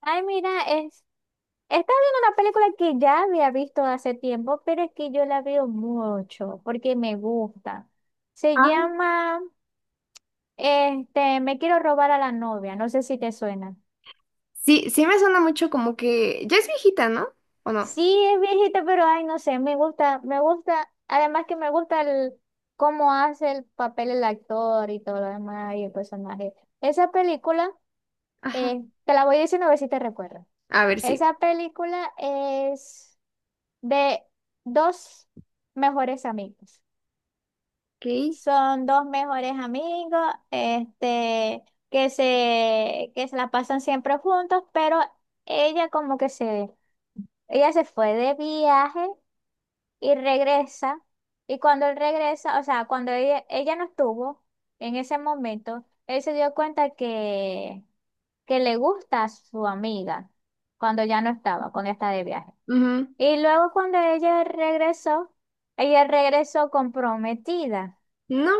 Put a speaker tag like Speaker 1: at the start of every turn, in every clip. Speaker 1: Ay, mira, es, estaba viendo una película que ya había visto hace tiempo, pero es que yo la veo mucho porque me gusta. Se
Speaker 2: Ah,
Speaker 1: llama, Me quiero robar a la novia, no sé si te suena.
Speaker 2: sí, sí me suena mucho como que ya es viejita, ¿no? ¿O no?
Speaker 1: Sí, es viejita, pero ay, no sé, me gusta, además que me gusta el cómo hace el papel el actor y todo lo demás y el personaje. Esa película,
Speaker 2: Ajá.
Speaker 1: eh, te la voy a decir a ver si te recuerdas.
Speaker 2: A ver, si.
Speaker 1: Esa película es de dos mejores amigos.
Speaker 2: Sí.
Speaker 1: Son dos mejores amigos, este, que se la pasan siempre juntos, pero ella como que se, ella se fue de viaje y regresa. Y cuando él regresa, o sea, cuando ella no estuvo en ese momento, él se dio cuenta que le gusta a su amiga cuando ya no estaba, cuando está de viaje.
Speaker 2: Ok. Ujú.
Speaker 1: Y luego cuando ella regresó comprometida
Speaker 2: No.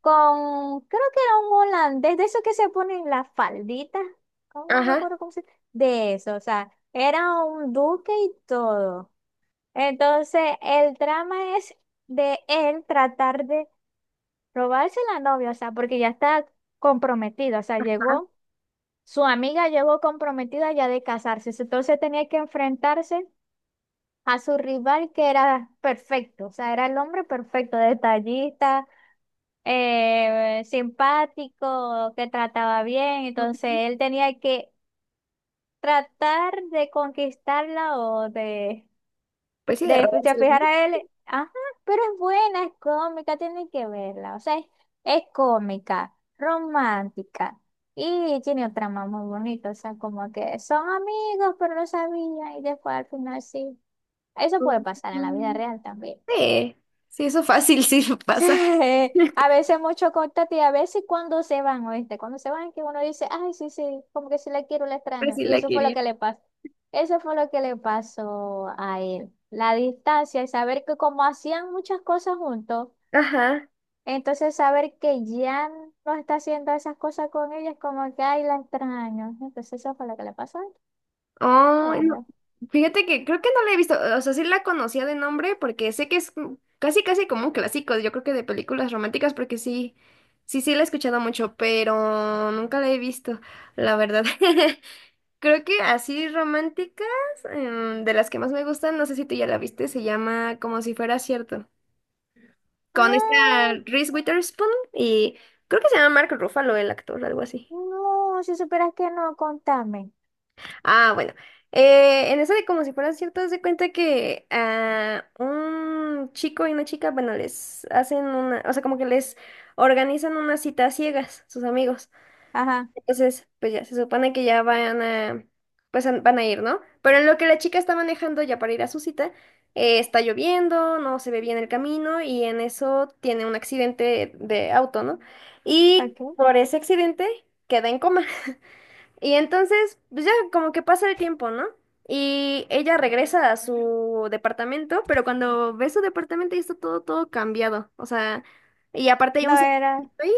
Speaker 1: con, creo que era un holandés, de esos que se ponen la faldita, ¿cómo? No me
Speaker 2: Ajá.
Speaker 1: acuerdo cómo se De eso, o sea, era un duque y todo. Entonces, el drama es de él tratar de robarse la novia, o sea, porque ya está comprometida, o sea,
Speaker 2: Ajá.
Speaker 1: llegó, su amiga llegó comprometida ya de casarse, entonces tenía que enfrentarse a su rival que era perfecto, o sea, era el hombre perfecto, detallista, simpático, que trataba bien, entonces él tenía que tratar de conquistarla o de
Speaker 2: Pues sí, de
Speaker 1: de
Speaker 2: robársela, ¿no?
Speaker 1: fijar a él, ajá, pero es buena, es cómica, tienen que verla. O sea, es cómica, romántica. Y tiene un trama muy bonito. O sea, como que son amigos, pero no sabían. Y después al final sí. Eso puede pasar en la vida
Speaker 2: Ujú.
Speaker 1: real también
Speaker 2: Sí. Sí, eso fácil, sí
Speaker 1: sí
Speaker 2: pasa.
Speaker 1: A veces mucho contacto y a veces cuando se van, ¿oíste? Cuando se van que uno dice, ay, sí, sí, como que si la quiero, la extraño.
Speaker 2: Fácil
Speaker 1: Y
Speaker 2: la
Speaker 1: eso fue lo
Speaker 2: quería.
Speaker 1: que le pasó. Eso fue lo que le pasó a él. La distancia y saber que como hacían muchas cosas juntos,
Speaker 2: Ajá.
Speaker 1: entonces saber que ya no está haciendo esas cosas con ella es como que, ay, la extraño. Entonces eso fue lo que le pasó a él.
Speaker 2: Oh, no.
Speaker 1: Bueno.
Speaker 2: Fíjate que creo que no la he visto. O sea, sí la conocía de nombre porque sé que es como- casi, casi como un clásico, yo creo que de películas románticas, porque sí, sí, sí la he escuchado mucho, pero nunca la he visto, la verdad. Creo que así románticas, de las que más me gustan, no sé si tú ya la viste, se llama Como si fuera cierto, con
Speaker 1: Ah,
Speaker 2: esta Reese Witherspoon y creo que se llama Mark Ruffalo el actor, algo así.
Speaker 1: no, si supieras que no, contame.
Speaker 2: Ah, bueno, en esa de Como si fuera cierto, haz de cuenta que un chico y una chica, bueno, les hacen una, o sea, como que les organizan una cita a ciegas, sus amigos.
Speaker 1: Ajá,
Speaker 2: Entonces, pues ya, se supone que ya van a, pues van a ir, ¿no? Pero en lo que la chica está manejando ya para ir a su cita, está lloviendo, no se ve bien el camino y en eso tiene un accidente de auto, ¿no? Y
Speaker 1: ¿ok?
Speaker 2: por ese accidente queda en coma. Y entonces, pues ya como que pasa el tiempo, ¿no? Y ella regresa a su departamento, pero cuando ve su departamento ya está todo cambiado. O sea, y aparte hay
Speaker 1: No
Speaker 2: un cementerio
Speaker 1: era.
Speaker 2: ahí.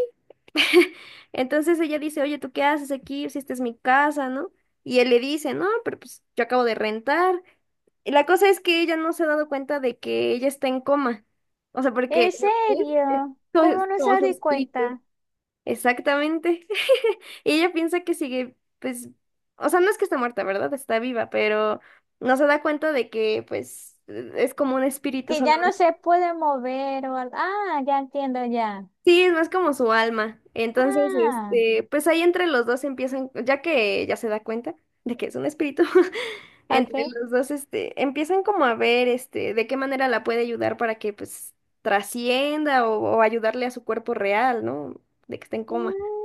Speaker 2: Entonces ella dice, oye, ¿tú qué haces aquí? Si esta es mi casa, ¿no? Y él le dice, no, pero pues yo acabo de rentar. Y la cosa es que ella no se ha dado cuenta de que ella está en coma. O sea, porque
Speaker 1: ¿En
Speaker 2: lo que es
Speaker 1: serio? ¿Cómo no
Speaker 2: como
Speaker 1: se
Speaker 2: su
Speaker 1: di
Speaker 2: espíritu.
Speaker 1: cuenta?
Speaker 2: Exactamente. Y ella piensa que sigue, pues, o sea, no es que está muerta, ¿verdad? Está viva, pero no se da cuenta de que, pues, es como un espíritu.
Speaker 1: Que ya no se puede mover o algo. Ah, ya entiendo ya.
Speaker 2: Sí, es más como su alma. Entonces,
Speaker 1: Ah,
Speaker 2: pues ahí entre los dos empiezan, ya que ya se da cuenta de que es un espíritu, entre
Speaker 1: ok.
Speaker 2: los dos, empiezan como a ver, de qué manera la puede ayudar para que, pues, trascienda o ayudarle a su cuerpo real, ¿no? De que esté en coma.
Speaker 1: Mm,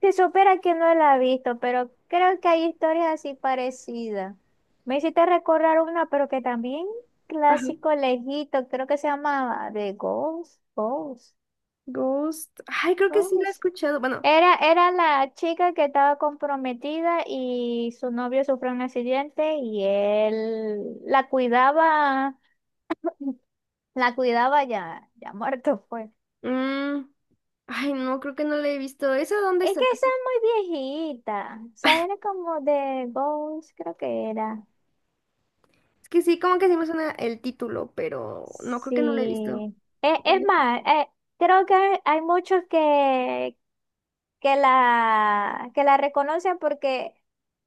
Speaker 1: que supera que no la he visto, pero creo que hay historias así parecidas. Me hiciste recordar una, pero que también
Speaker 2: Ajá.
Speaker 1: clásico lejito, creo que se llama de Ghost, Ghost,
Speaker 2: Ghost. Ay, creo que sí la he
Speaker 1: Ghost.
Speaker 2: escuchado. Bueno,
Speaker 1: Era la chica que estaba comprometida y su novio sufrió un accidente y él la cuidaba ya, ya muerto fue.
Speaker 2: mm, ay, no, creo que no la he visto. ¿Esa dónde
Speaker 1: Es
Speaker 2: está?
Speaker 1: que esa es muy viejita, o sea, era como de Ghost, creo que era.
Speaker 2: Es que sí, como que sí me suena el título, pero no creo que no la he visto.
Speaker 1: Sí. Es más, creo que hay muchos que la reconocen porque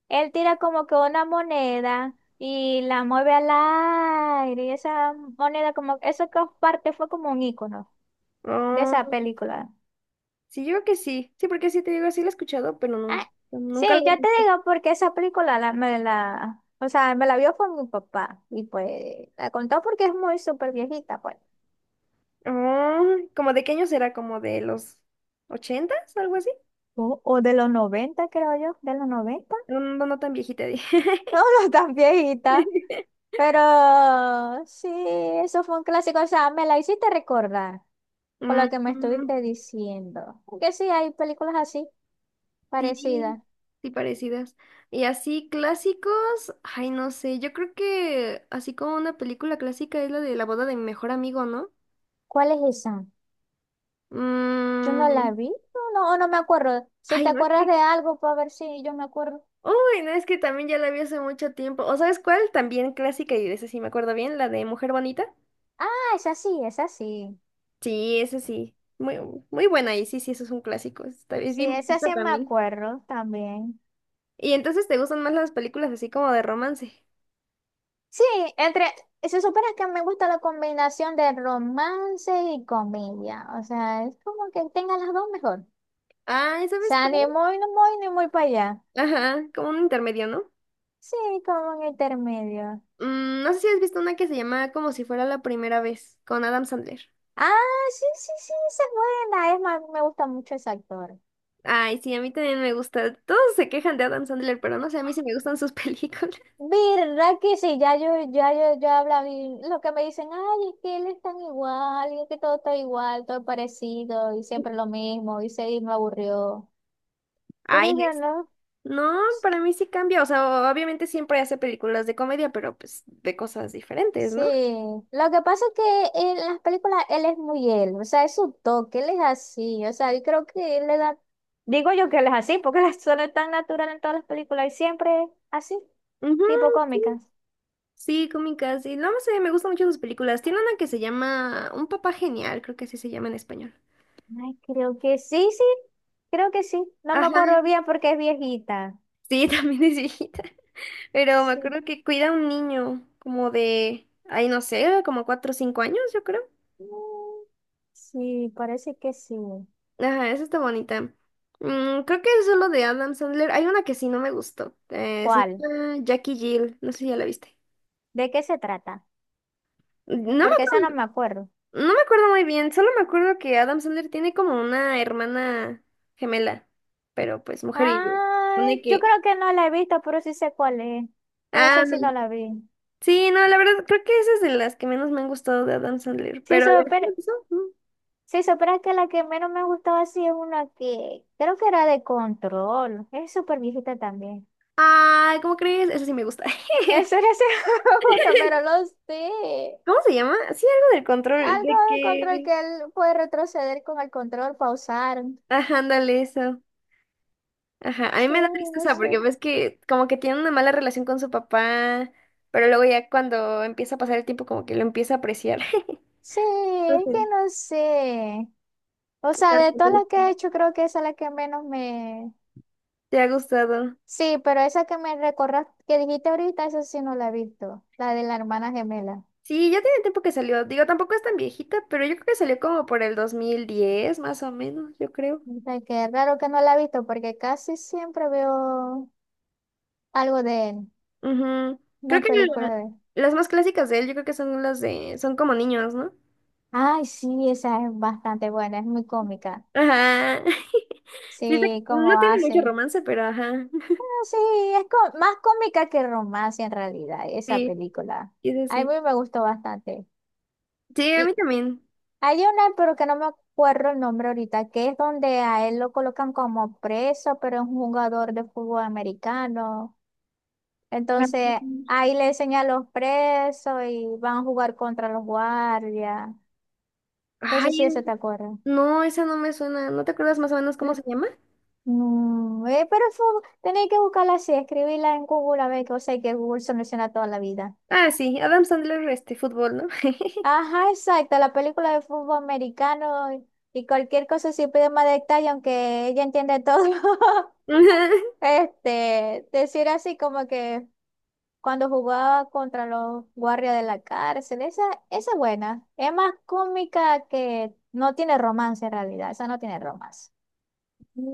Speaker 1: él tira como que una moneda y la mueve al aire y esa moneda como, eso que parte fue como un icono de esa
Speaker 2: Ah,
Speaker 1: película.
Speaker 2: sí, yo creo que sí. Sí, porque sí te digo, sí lo he escuchado, pero no,
Speaker 1: Ah, sí,
Speaker 2: nunca lo
Speaker 1: yo te
Speaker 2: he...
Speaker 1: digo porque esa película la, me la, o sea, me la vio con mi papá y pues la contó porque es muy súper viejita, pues.
Speaker 2: Ah, ¿como de qué año será? ¿Como de los ochentas? ¿Algo así?
Speaker 1: O de los 90 creo yo, de los noventa.
Speaker 2: No, no, no tan viejita. Dije.
Speaker 1: No, no tan viejita, pero sí, eso fue un clásico. O sea, me la hiciste recordar con
Speaker 2: Mm,
Speaker 1: lo que me
Speaker 2: mm,
Speaker 1: estuviste diciendo. Que sí, hay películas así,
Speaker 2: sí,
Speaker 1: parecidas.
Speaker 2: sí, parecidas. Y así clásicos, ay, no sé, yo creo que así como una película clásica es la de la boda de mi mejor amigo, ¿no?
Speaker 1: ¿Cuál es esa? Yo no la
Speaker 2: Mm,
Speaker 1: vi, no, no, o no me acuerdo. Si
Speaker 2: ay,
Speaker 1: te
Speaker 2: no es
Speaker 1: acuerdas
Speaker 2: que,
Speaker 1: de algo, para ver si yo me acuerdo.
Speaker 2: uy, no es que también ya la vi hace mucho tiempo. ¿O sabes cuál? También clásica y de esa sí me acuerdo bien, la de Mujer Bonita.
Speaker 1: Ah, esa sí, esa sí.
Speaker 2: Sí, eso sí. Muy, muy buena y sí, sí, eso es un clásico. Está, es
Speaker 1: Sí,
Speaker 2: bien
Speaker 1: esa sí
Speaker 2: viejita
Speaker 1: me
Speaker 2: también.
Speaker 1: acuerdo también.
Speaker 2: Y entonces te gustan más las películas así como de romance.
Speaker 1: Sí, entre, se supone que me gusta la combinación de romance y comedia. O sea, es como que tenga las dos mejor.
Speaker 2: Ah, ¿sabes
Speaker 1: Sea, ni
Speaker 2: cuál?
Speaker 1: muy, no muy, ni muy para allá.
Speaker 2: Ajá, como un intermedio, ¿no?
Speaker 1: Sí, como en intermedio.
Speaker 2: Mm, no sé si has visto una que se llama Como si fuera la primera vez, con Adam Sandler.
Speaker 1: Ah, sí, sí, sí, esa es buena. Es más, me gusta mucho ese actor.
Speaker 2: Ay, sí, a mí también me gusta. Todos se quejan de Adam Sandler, pero no sé, a mí sí me gustan sus películas.
Speaker 1: ¿Verdad que sí? Ya yo hablaba y lo que me dicen, ay, es que él es tan igual, y es que todo está igual, todo es parecido, y siempre lo mismo, y se y me aburrió. Pero
Speaker 2: Ay, no
Speaker 1: yo
Speaker 2: es.
Speaker 1: no.
Speaker 2: No, para mí sí cambia. O sea, obviamente siempre hace películas de comedia, pero pues de cosas diferentes,
Speaker 1: Sí,
Speaker 2: ¿no?
Speaker 1: lo que pasa es que en las películas él es muy él, o sea, es su toque, él es así, o sea, yo creo que él le da, digo yo que él es así, porque la suena tan natural en todas las películas y siempre es así,
Speaker 2: Ujú.
Speaker 1: tipo cómicas.
Speaker 2: Sí, cómicas. Y no sé, me gustan mucho sus películas. Tiene una que se llama Un papá genial, creo que así se llama en español.
Speaker 1: Ay, creo que sí, sí, creo que sí, no me
Speaker 2: Ajá,
Speaker 1: acuerdo bien porque es viejita.
Speaker 2: sí, también es viejita. Pero me
Speaker 1: Sí,
Speaker 2: acuerdo que cuida a un niño como de, ay, no sé, como 4 o 5 años, yo creo.
Speaker 1: Mm, sí, parece que sí.
Speaker 2: Ajá, esa está bonita. Mm, creo que es solo de Adam Sandler. Hay una que sí no me gustó. Se
Speaker 1: ¿Cuál?
Speaker 2: llama Jackie Jill. No sé si ya la viste.
Speaker 1: ¿De qué se trata?
Speaker 2: No me,
Speaker 1: Porque esa
Speaker 2: acu-
Speaker 1: no me acuerdo.
Speaker 2: no me acuerdo muy bien. Solo me acuerdo que Adam Sandler tiene como una hermana gemela. Pero pues mujer y...
Speaker 1: Ah,
Speaker 2: Supone
Speaker 1: yo
Speaker 2: que
Speaker 1: creo que no la he visto, pero sí sé cuál es. Pero
Speaker 2: Ah,
Speaker 1: esa sí no
Speaker 2: no.
Speaker 1: la vi.
Speaker 2: Sí, no, la verdad, creo que esa es de las que menos me han gustado de Adam Sandler,
Speaker 1: Sí,
Speaker 2: pero...
Speaker 1: super. Sí, supera que la que menos me ha gustado así es una que creo que era de control. Es súper viejita también.
Speaker 2: Ah, ¿cómo crees? Esa sí me gusta.
Speaker 1: Eso era sí me gusta, pero lo sé.
Speaker 2: ¿Cómo se llama? Sí, algo del control,
Speaker 1: Algo
Speaker 2: de
Speaker 1: de control
Speaker 2: que...
Speaker 1: que él puede retroceder con el control, pausar.
Speaker 2: Ajá, ándale, eso. Ajá, a mí
Speaker 1: Sí,
Speaker 2: me da
Speaker 1: no
Speaker 2: tristeza porque
Speaker 1: sé.
Speaker 2: ves que como que tiene una mala relación con su papá, pero luego ya cuando empieza a pasar el tiempo como que lo empieza a apreciar.
Speaker 1: Sí,
Speaker 2: No
Speaker 1: es que
Speaker 2: sé,
Speaker 1: no sé. O sea, de todas las que he hecho, creo que esa es la que menos me,
Speaker 2: ¿te ha gustado?
Speaker 1: Sí, pero esa que me recordaste, que dijiste ahorita, esa sí no la he visto, la de la hermana gemela.
Speaker 2: Sí, ya tiene tiempo que salió. Digo, tampoco es tan viejita, pero yo creo que salió como por el 2010, más o menos, yo creo.
Speaker 1: Ay, qué raro que no la he visto, porque casi siempre veo algo de él,
Speaker 2: Ujú. Creo
Speaker 1: una
Speaker 2: que
Speaker 1: película de él.
Speaker 2: las más clásicas de él, yo creo que son las de, son como niños, ¿no?
Speaker 1: Ay, sí, esa es bastante buena, es muy cómica.
Speaker 2: Ajá. Sí,
Speaker 1: Sí,
Speaker 2: no
Speaker 1: cómo
Speaker 2: tiene mucho
Speaker 1: hace.
Speaker 2: romance, pero ajá.
Speaker 1: Ah, sí, es co- más cómica que romance en realidad, esa
Speaker 2: Sí,
Speaker 1: película.
Speaker 2: es
Speaker 1: A mí
Speaker 2: así. Sí,
Speaker 1: me gustó bastante.
Speaker 2: sí, a mí también.
Speaker 1: Hay una, pero que no me acuerdo el nombre ahorita, que es donde a él lo colocan como preso, pero es un jugador de fútbol americano.
Speaker 2: Ajá.
Speaker 1: Entonces, ahí le enseñan a los presos y van a jugar contra los guardias.
Speaker 2: Ay,
Speaker 1: Entonces, si se te acuerdas
Speaker 2: no, esa no me suena. ¿No te acuerdas más o menos cómo
Speaker 1: N-
Speaker 2: se llama?
Speaker 1: No, pero eso tenéis que buscarla así, escribirla en Google a ver qué o sea, que Google soluciona toda la vida.
Speaker 2: Ah, sí, Adam Sandler, fútbol, ¿no?
Speaker 1: Ajá, exacto, la película de fútbol americano y cualquier cosa si pide más detalle, aunque ella entiende todo.
Speaker 2: Ajá.
Speaker 1: Este, decir así como que cuando jugaba contra los guardias de la cárcel, esa es buena. Es más cómica que no tiene romance en realidad, esa no tiene romance.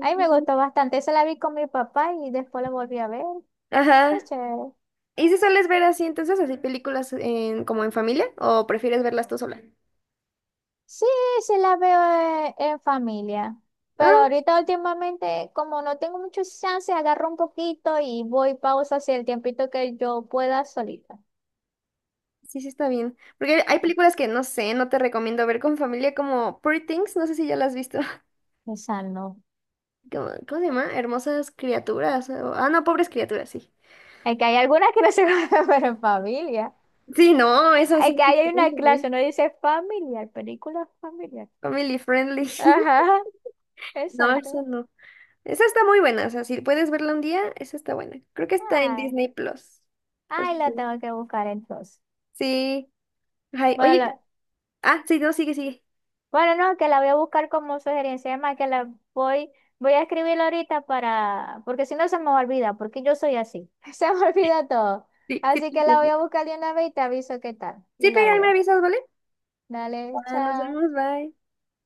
Speaker 1: A mí me gustó bastante, esa la vi con mi papá y después la volví a ver.
Speaker 2: Ajá.
Speaker 1: Es chévere.
Speaker 2: ¿Y si sueles ver así entonces, así películas en, como en familia o prefieres verlas tú sola?
Speaker 1: Sí, sí la veo en familia, pero
Speaker 2: Ah.
Speaker 1: ahorita últimamente como no tengo muchos chances, agarro un poquito y voy pausa hacia el tiempito que yo pueda solita.
Speaker 2: Sí, sí está bien. Porque hay películas que no sé, no te recomiendo ver con familia como Pretty Things, no sé si ya las has visto.
Speaker 1: Esa no.
Speaker 2: ¿Cómo, cómo se llama? Hermosas criaturas. O- ah, no, pobres criaturas, sí.
Speaker 1: Es que hay algunas que no se guardan pero en familia.
Speaker 2: Sí, no, eso sí.
Speaker 1: Es que hay una clase, no dice familiar, película familiar.
Speaker 2: Family friendly.
Speaker 1: Ajá,
Speaker 2: No, eso
Speaker 1: exacto.
Speaker 2: no. Esa está muy buena, o sea, si puedes verla un día, esa está buena. Creo que está en
Speaker 1: Ay,
Speaker 2: Disney Plus. Por
Speaker 1: ay,
Speaker 2: si-
Speaker 1: la tengo que buscar entonces.
Speaker 2: sí. Ay,
Speaker 1: Bueno,
Speaker 2: oye,
Speaker 1: la-
Speaker 2: ah, sí, no, sigue, sigue.
Speaker 1: bueno, no, que la voy a buscar como sugerencia. Además, que la voy, voy a escribir ahorita para, porque si no se me olvida, porque yo soy así. Se me olvida todo.
Speaker 2: Sí, sí,
Speaker 1: Así
Speaker 2: te
Speaker 1: que la voy
Speaker 2: entiendo.
Speaker 1: a buscar de una vez y te aviso qué tal. Y
Speaker 2: Sí,
Speaker 1: la
Speaker 2: pero ahí me
Speaker 1: veo.
Speaker 2: avisas, ¿vale?
Speaker 1: Dale,
Speaker 2: Ah, nos
Speaker 1: chao.
Speaker 2: vemos, bye.